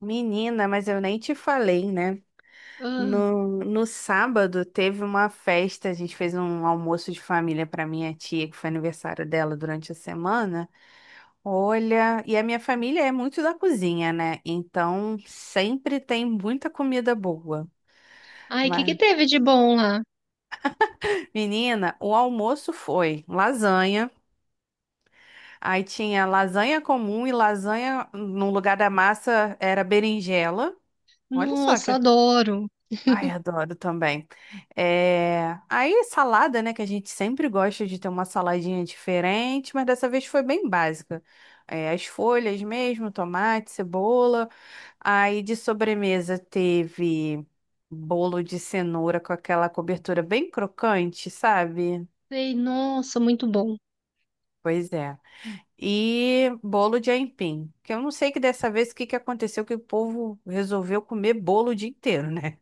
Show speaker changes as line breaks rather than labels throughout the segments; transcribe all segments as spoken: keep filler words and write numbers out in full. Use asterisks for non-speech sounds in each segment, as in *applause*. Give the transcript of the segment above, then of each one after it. Menina, mas eu nem te falei, né?
Ah,
No, no sábado teve uma festa, a gente fez um almoço de família para minha tia, que foi aniversário dela durante a semana. Olha, e a minha família é muito da cozinha, né? Então sempre tem muita comida boa.
ai, o que que
Mas,
teve de bom lá?
menina, o almoço foi lasanha, aí tinha lasanha comum e lasanha, no lugar da massa era berinjela. Olha só
Nossa,
que
adoro.
ai, adoro também. É... Aí, salada, né? Que a gente sempre gosta de ter uma saladinha diferente, mas dessa vez foi bem básica. É, as folhas mesmo, tomate, cebola. Aí, de sobremesa, teve bolo de cenoura com aquela cobertura bem crocante, sabe?
Ei, nossa, muito bom.
Pois é. E bolo de aipim. Que eu não sei que dessa vez o que que aconteceu que o povo resolveu comer bolo o dia inteiro, né?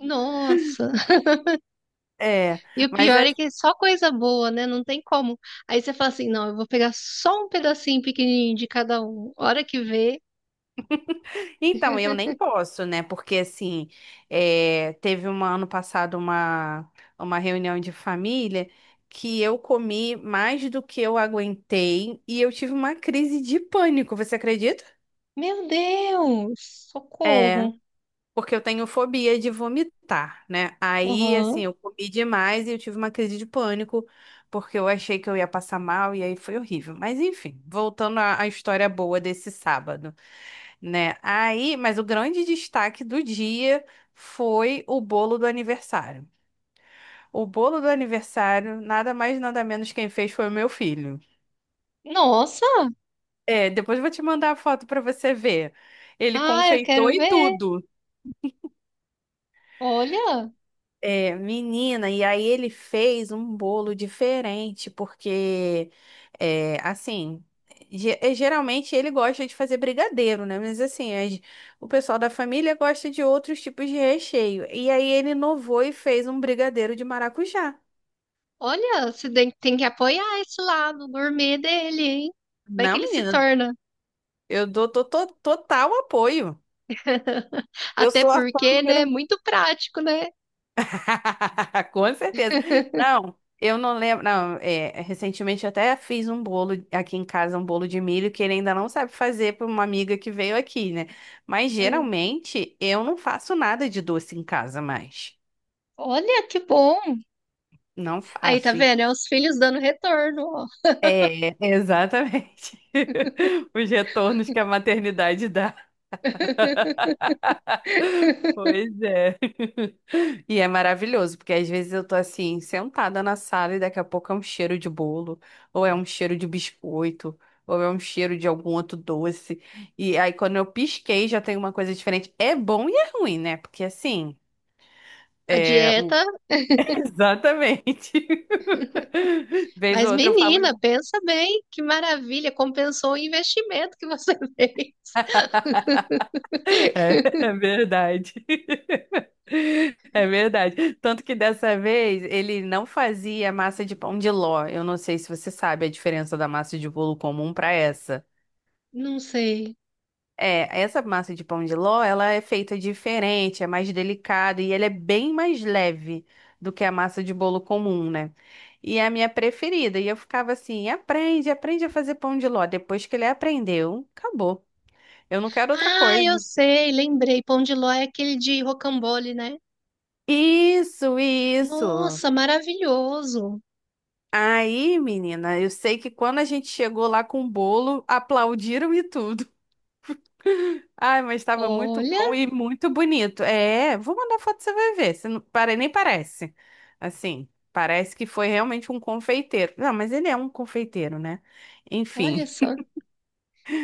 Nossa.
É,
E o
mas
pior é que é só coisa boa, né? Não tem como. Aí você fala assim, não, eu vou pegar só um pedacinho pequenininho de cada um. Hora que vê,
então, eu nem posso, né? Porque assim, é, teve um ano passado uma, uma reunião de família que eu comi mais do que eu aguentei e eu tive uma crise de pânico, você acredita?
meu Deus,
É.
socorro.
Porque eu tenho fobia de vomitar, né? Aí, assim,
Aham.
eu comi demais e eu tive uma crise de pânico, porque eu achei que eu ia passar mal e aí foi horrível. Mas, enfim, voltando à, à história boa desse sábado, né? Aí, mas o grande destaque do dia foi o bolo do aniversário. O bolo do aniversário, nada mais, nada menos quem fez foi o meu filho.
Nossa.
É, depois eu vou te mandar a foto para você ver. Ele
Ah, eu
confeitou
quero
e
ver.
tudo.
Olha,
É, menina, e aí ele fez um bolo diferente, porque, é, assim, ge- é, geralmente ele gosta de fazer brigadeiro, né? Mas, assim, as- o pessoal da família gosta de outros tipos de recheio. E aí ele inovou e fez um brigadeiro de maracujá.
olha, você tem tem que apoiar esse lado gourmet dele, hein? Vai que
Não,
ele se
menina,
torna.
eu dou to- to- total apoio.
*laughs*
Eu
Até
sou a fã
porque, né?
número
Muito prático, né?
*laughs* Com certeza. Não, eu não lembro. Não, é, recentemente eu até fiz um bolo aqui em casa, um bolo de milho, que ele ainda não sabe fazer para uma amiga que veio aqui, né? Mas
É.
geralmente eu não faço nada de doce em casa mais.
Olha que bom!
Não
Aí tá
faço. E-
vendo? É os filhos dando retorno, ó.
É, exatamente. *laughs* Os retornos que a maternidade dá.
*laughs*
Pois é. *laughs* E é maravilhoso, porque às vezes eu tô assim, sentada na sala e daqui a pouco é um cheiro de bolo, ou é um cheiro de biscoito, ou é um cheiro de algum outro doce. E aí quando eu pisquei já tem uma coisa diferente. É bom e é ruim, né? Porque assim,
A
é... o-
dieta,
*laughs* Exatamente. *laughs* Vez ou
mas
outra eu falo,
menina, pensa bem, que maravilha, compensou o investimento que você *laughs* fez.
é, *laughs* é verdade. É verdade. Tanto que dessa vez ele não fazia massa de pão de ló. Eu não sei se você sabe a diferença da massa de bolo comum para essa.
Não sei.
É, essa massa de pão de ló, ela é feita diferente, é mais delicada e ela é bem mais leve do que a massa de bolo comum, né? E é a minha preferida. E eu ficava assim, aprende, aprende a fazer pão de ló. Depois que ele aprendeu, acabou. Eu não quero outra
Ah,
coisa.
eu sei, lembrei. Pão de ló é aquele de rocambole, né?
Isso, isso.
Nossa, maravilhoso.
Aí, menina, eu sei que quando a gente chegou lá com o bolo, aplaudiram e tudo. *laughs* Ai, mas estava muito
Olha,
bom e muito bonito. É, vou mandar foto, você vai ver. Você não, pare- nem parece. Assim, parece que foi realmente um confeiteiro. Não, mas ele é um confeiteiro, né? Enfim,
olha só.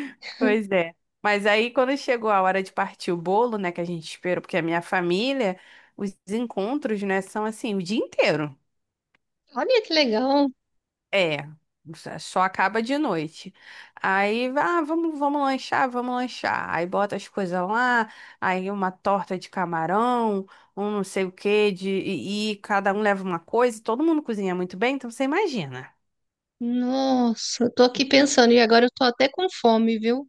*laughs* pois é. Mas aí, quando chegou a hora de partir o bolo, né, que a gente esperou, porque é a minha família, os encontros, né, são assim, o dia inteiro.
Olha que legal.
É, só só acaba de noite. Aí, ah, vamos, vamos lanchar, vamos lanchar. Aí bota as coisas lá, aí uma torta de camarão, um não sei o quê, de, e, e cada um leva uma coisa, todo mundo cozinha muito bem, então você imagina.
Nossa, eu tô aqui pensando e agora eu tô até com fome, viu?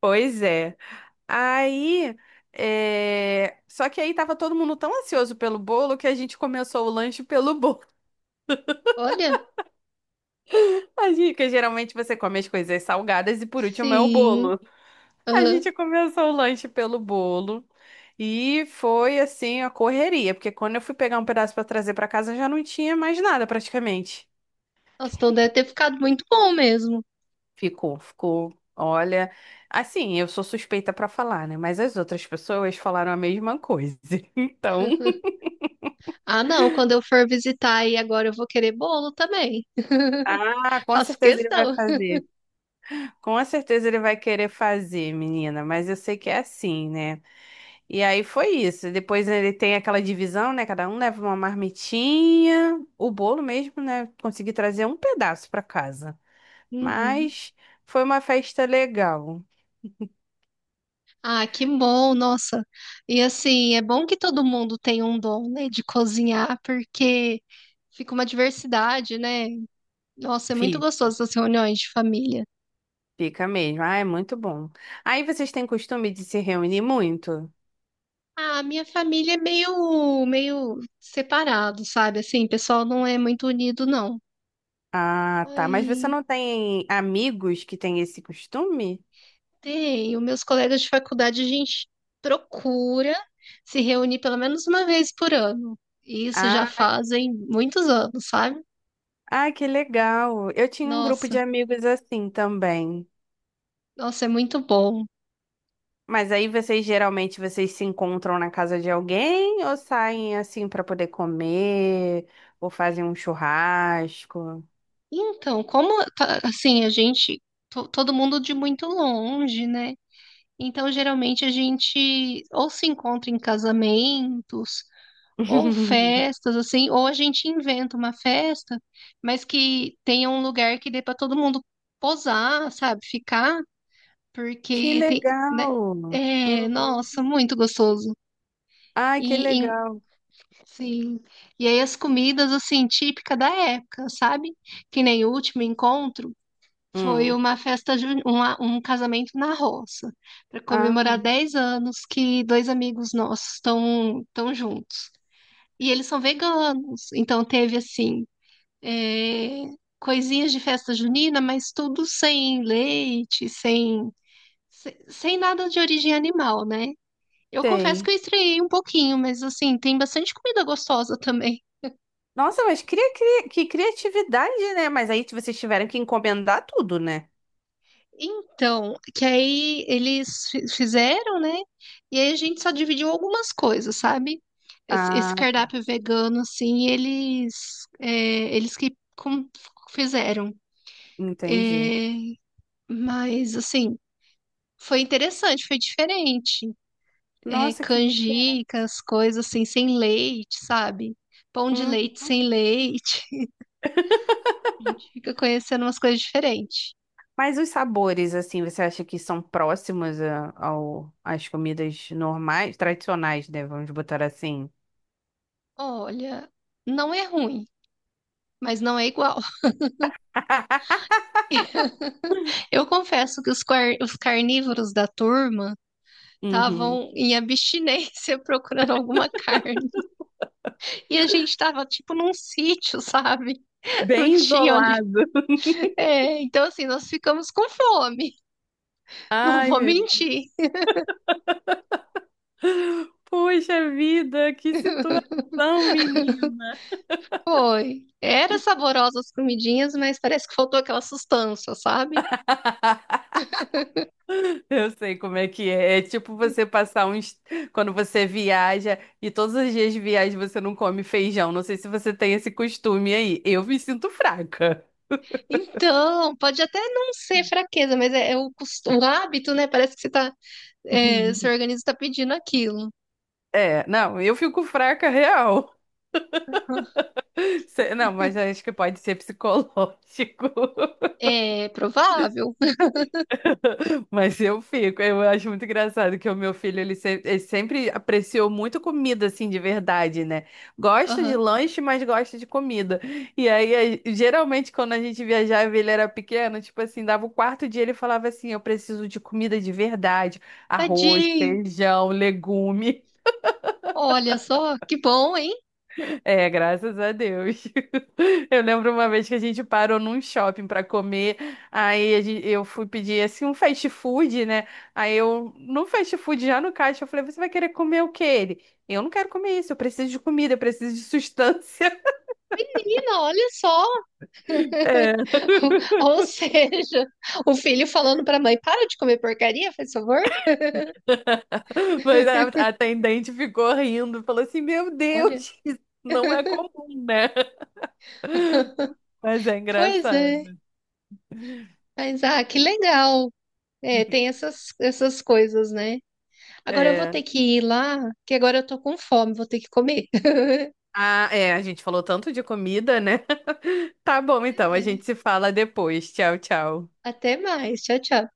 Pois é. Aí, é, só que aí tava todo mundo tão ansioso pelo bolo que a gente começou o lanche pelo bolo.
Olha,
*laughs* Porque geralmente você come as coisas salgadas e por último é o
sim.
bolo. A
Aham.
gente começou o lanche pelo bolo e foi assim a correria, porque quando eu fui pegar um pedaço para trazer para casa já não tinha mais nada praticamente.
Nossa, então deve ter ficado muito bom mesmo.
Ficou, ficou. Olha, assim, eu sou suspeita para falar, né? Mas as outras pessoas falaram a mesma coisa. *laughs* Então,
Ah, não, quando eu for visitar aí agora eu vou querer bolo também. *laughs*
ah, com
Faço
certeza ele vai
questão.
fazer. Com certeza ele vai querer fazer, menina, mas eu sei que é assim, né? E aí foi isso. Depois ele tem aquela divisão, né? Cada um leva uma marmitinha. O bolo mesmo, né? Consegui trazer um pedaço pra casa.
Uhum.
Mas foi uma festa legal.
Ah, que bom, nossa. E assim, é bom que todo mundo tem um dom, né, de cozinhar, porque fica uma diversidade, né? Nossa, é muito
Fi-
gostoso essas reuniões de família.
Fica mesmo. Ah, é muito bom. Aí vocês têm costume de se reunir muito?
Ah, minha família é meio, meio separado, sabe? Assim, o pessoal não é muito unido, não.
Ah, tá. Mas você
Aí.
não tem amigos que têm esse costume?
Tem, os meus colegas de faculdade, a gente procura se reunir pelo menos uma vez por ano. E isso já
Ah,
fazem muitos anos, sabe?
ah, que legal. Eu tinha um grupo de
Nossa,
amigos assim também.
nossa, é muito bom.
Mas aí vocês geralmente vocês se encontram na casa de alguém ou saem assim para poder comer ou fazem um churrasco?
Então, como tá- assim, a gente, to- todo mundo de muito longe, né? Então, geralmente a gente ou se encontra em casamentos, ou
*laughs*
festas, assim, ou a gente inventa uma festa, mas que tenha um lugar que dê para todo mundo posar, sabe? Ficar.
Que
Porque tem,
legal!
né? É,
Uhum.
nossa, muito gostoso.
Ai, que
E, e-
legal!
sim. E aí as comidas assim típica da época, sabe? Que nem o último encontro foi
Hum.
uma festa ju- uma- um casamento na roça, para
Ah,
comemorar dez anos que dois amigos nossos estão estão juntos. E eles são veganos, então teve assim, é, coisinhas de festa junina, mas tudo sem leite, sem se- sem nada de origem animal, né? Eu confesso que
sei.
eu estranhei um pouquinho, mas assim, tem bastante comida gostosa também.
Nossa, mas cria, cria- que criatividade, né? Mas aí vocês tiveram que encomendar tudo, né?
Então, que aí eles fi- fizeram, né? E aí a gente só dividiu algumas coisas, sabe? Esse esse
Ah,
cardápio vegano, assim, eles, é, eles que com- fizeram.
entendi.
É, mas, assim, foi interessante, foi diferente. É,
Nossa, que diferente.
canjicas, coisas assim, sem leite, sabe? Pão de leite sem leite. *laughs* A gente fica conhecendo umas coisas diferentes.
Mas os sabores, assim, você acha que são próximos a- ao, às comidas normais, tradicionais, né? Vamos botar assim.
Olha, não é ruim, mas não é igual. *laughs* Eu confesso que os, car- os carnívoros da turma
Uhum.
estavam em abstinência *laughs* procurando alguma carne. E a gente estava tipo num sítio, sabe? *laughs* Não
Bem
tinha onde.
isolado.
*laughs*
*laughs*
É, então, assim, nós ficamos com fome. *laughs* Não
Ai,
vou
meu.
mentir.
Puxa vida, que
*laughs*
situação, menina.
Foi. Era saborosa as comidinhas, mas parece que faltou aquela sustância, sabe?
*laughs* Eu sei como é que é. É tipo você passar uns. Quando você viaja e todos os dias de viagem você não come feijão. Não sei se você tem esse costume aí. Eu me sinto fraca.
Então, pode até não ser fraqueza, mas é, é o, cos- o hábito, né? Parece que você tá. É,
*laughs*
seu organismo está pedindo aquilo.
É, não, eu fico fraca real.
*laughs*
Se- Não, mas acho que pode ser psicológico. *laughs*
É provável.
Mas eu fico, eu acho muito engraçado que o meu filho, ele, se- ele sempre apreciou muito comida, assim, de verdade, né? Gosta de
Aham.
lanche, mas gosta de comida. E aí, a- geralmente, quando a gente viajava, e ele era pequeno, tipo assim, dava o quarto dia, ele falava assim, eu preciso de comida de verdade, arroz,
Tadinho.
feijão, legume.
Olha só, que bom, hein?
É, graças a Deus. *laughs* Eu lembro uma vez que a gente parou num shopping para comer, aí a gen- eu fui pedir assim um fast food, né? Aí eu, no fast food, já no caixa, eu falei: Você vai querer comer o que Ele, eu não quero comer isso, eu preciso de comida, eu preciso de sustância. *laughs*
Menina, olha só.
É.
*laughs* Ou seja, o filho falando para a mãe: para de comer porcaria, faz favor.
Mas a a atendente ficou rindo, falou assim: Meu
Olha,
Deus, *laughs* isso não é comum, né? *laughs* Mas é
pois é.
engraçado.
Mas, ah, que legal. É, tem essas, essas coisas, né? Agora eu vou
É.
ter que ir lá, que agora eu tô com fome, vou ter que comer. *laughs*
Ah, é, a gente falou tanto de comida, né? Tá bom, então,
Pois
a
é.
gente se fala depois. Tchau, tchau.
Até mais. Tchau, tchau.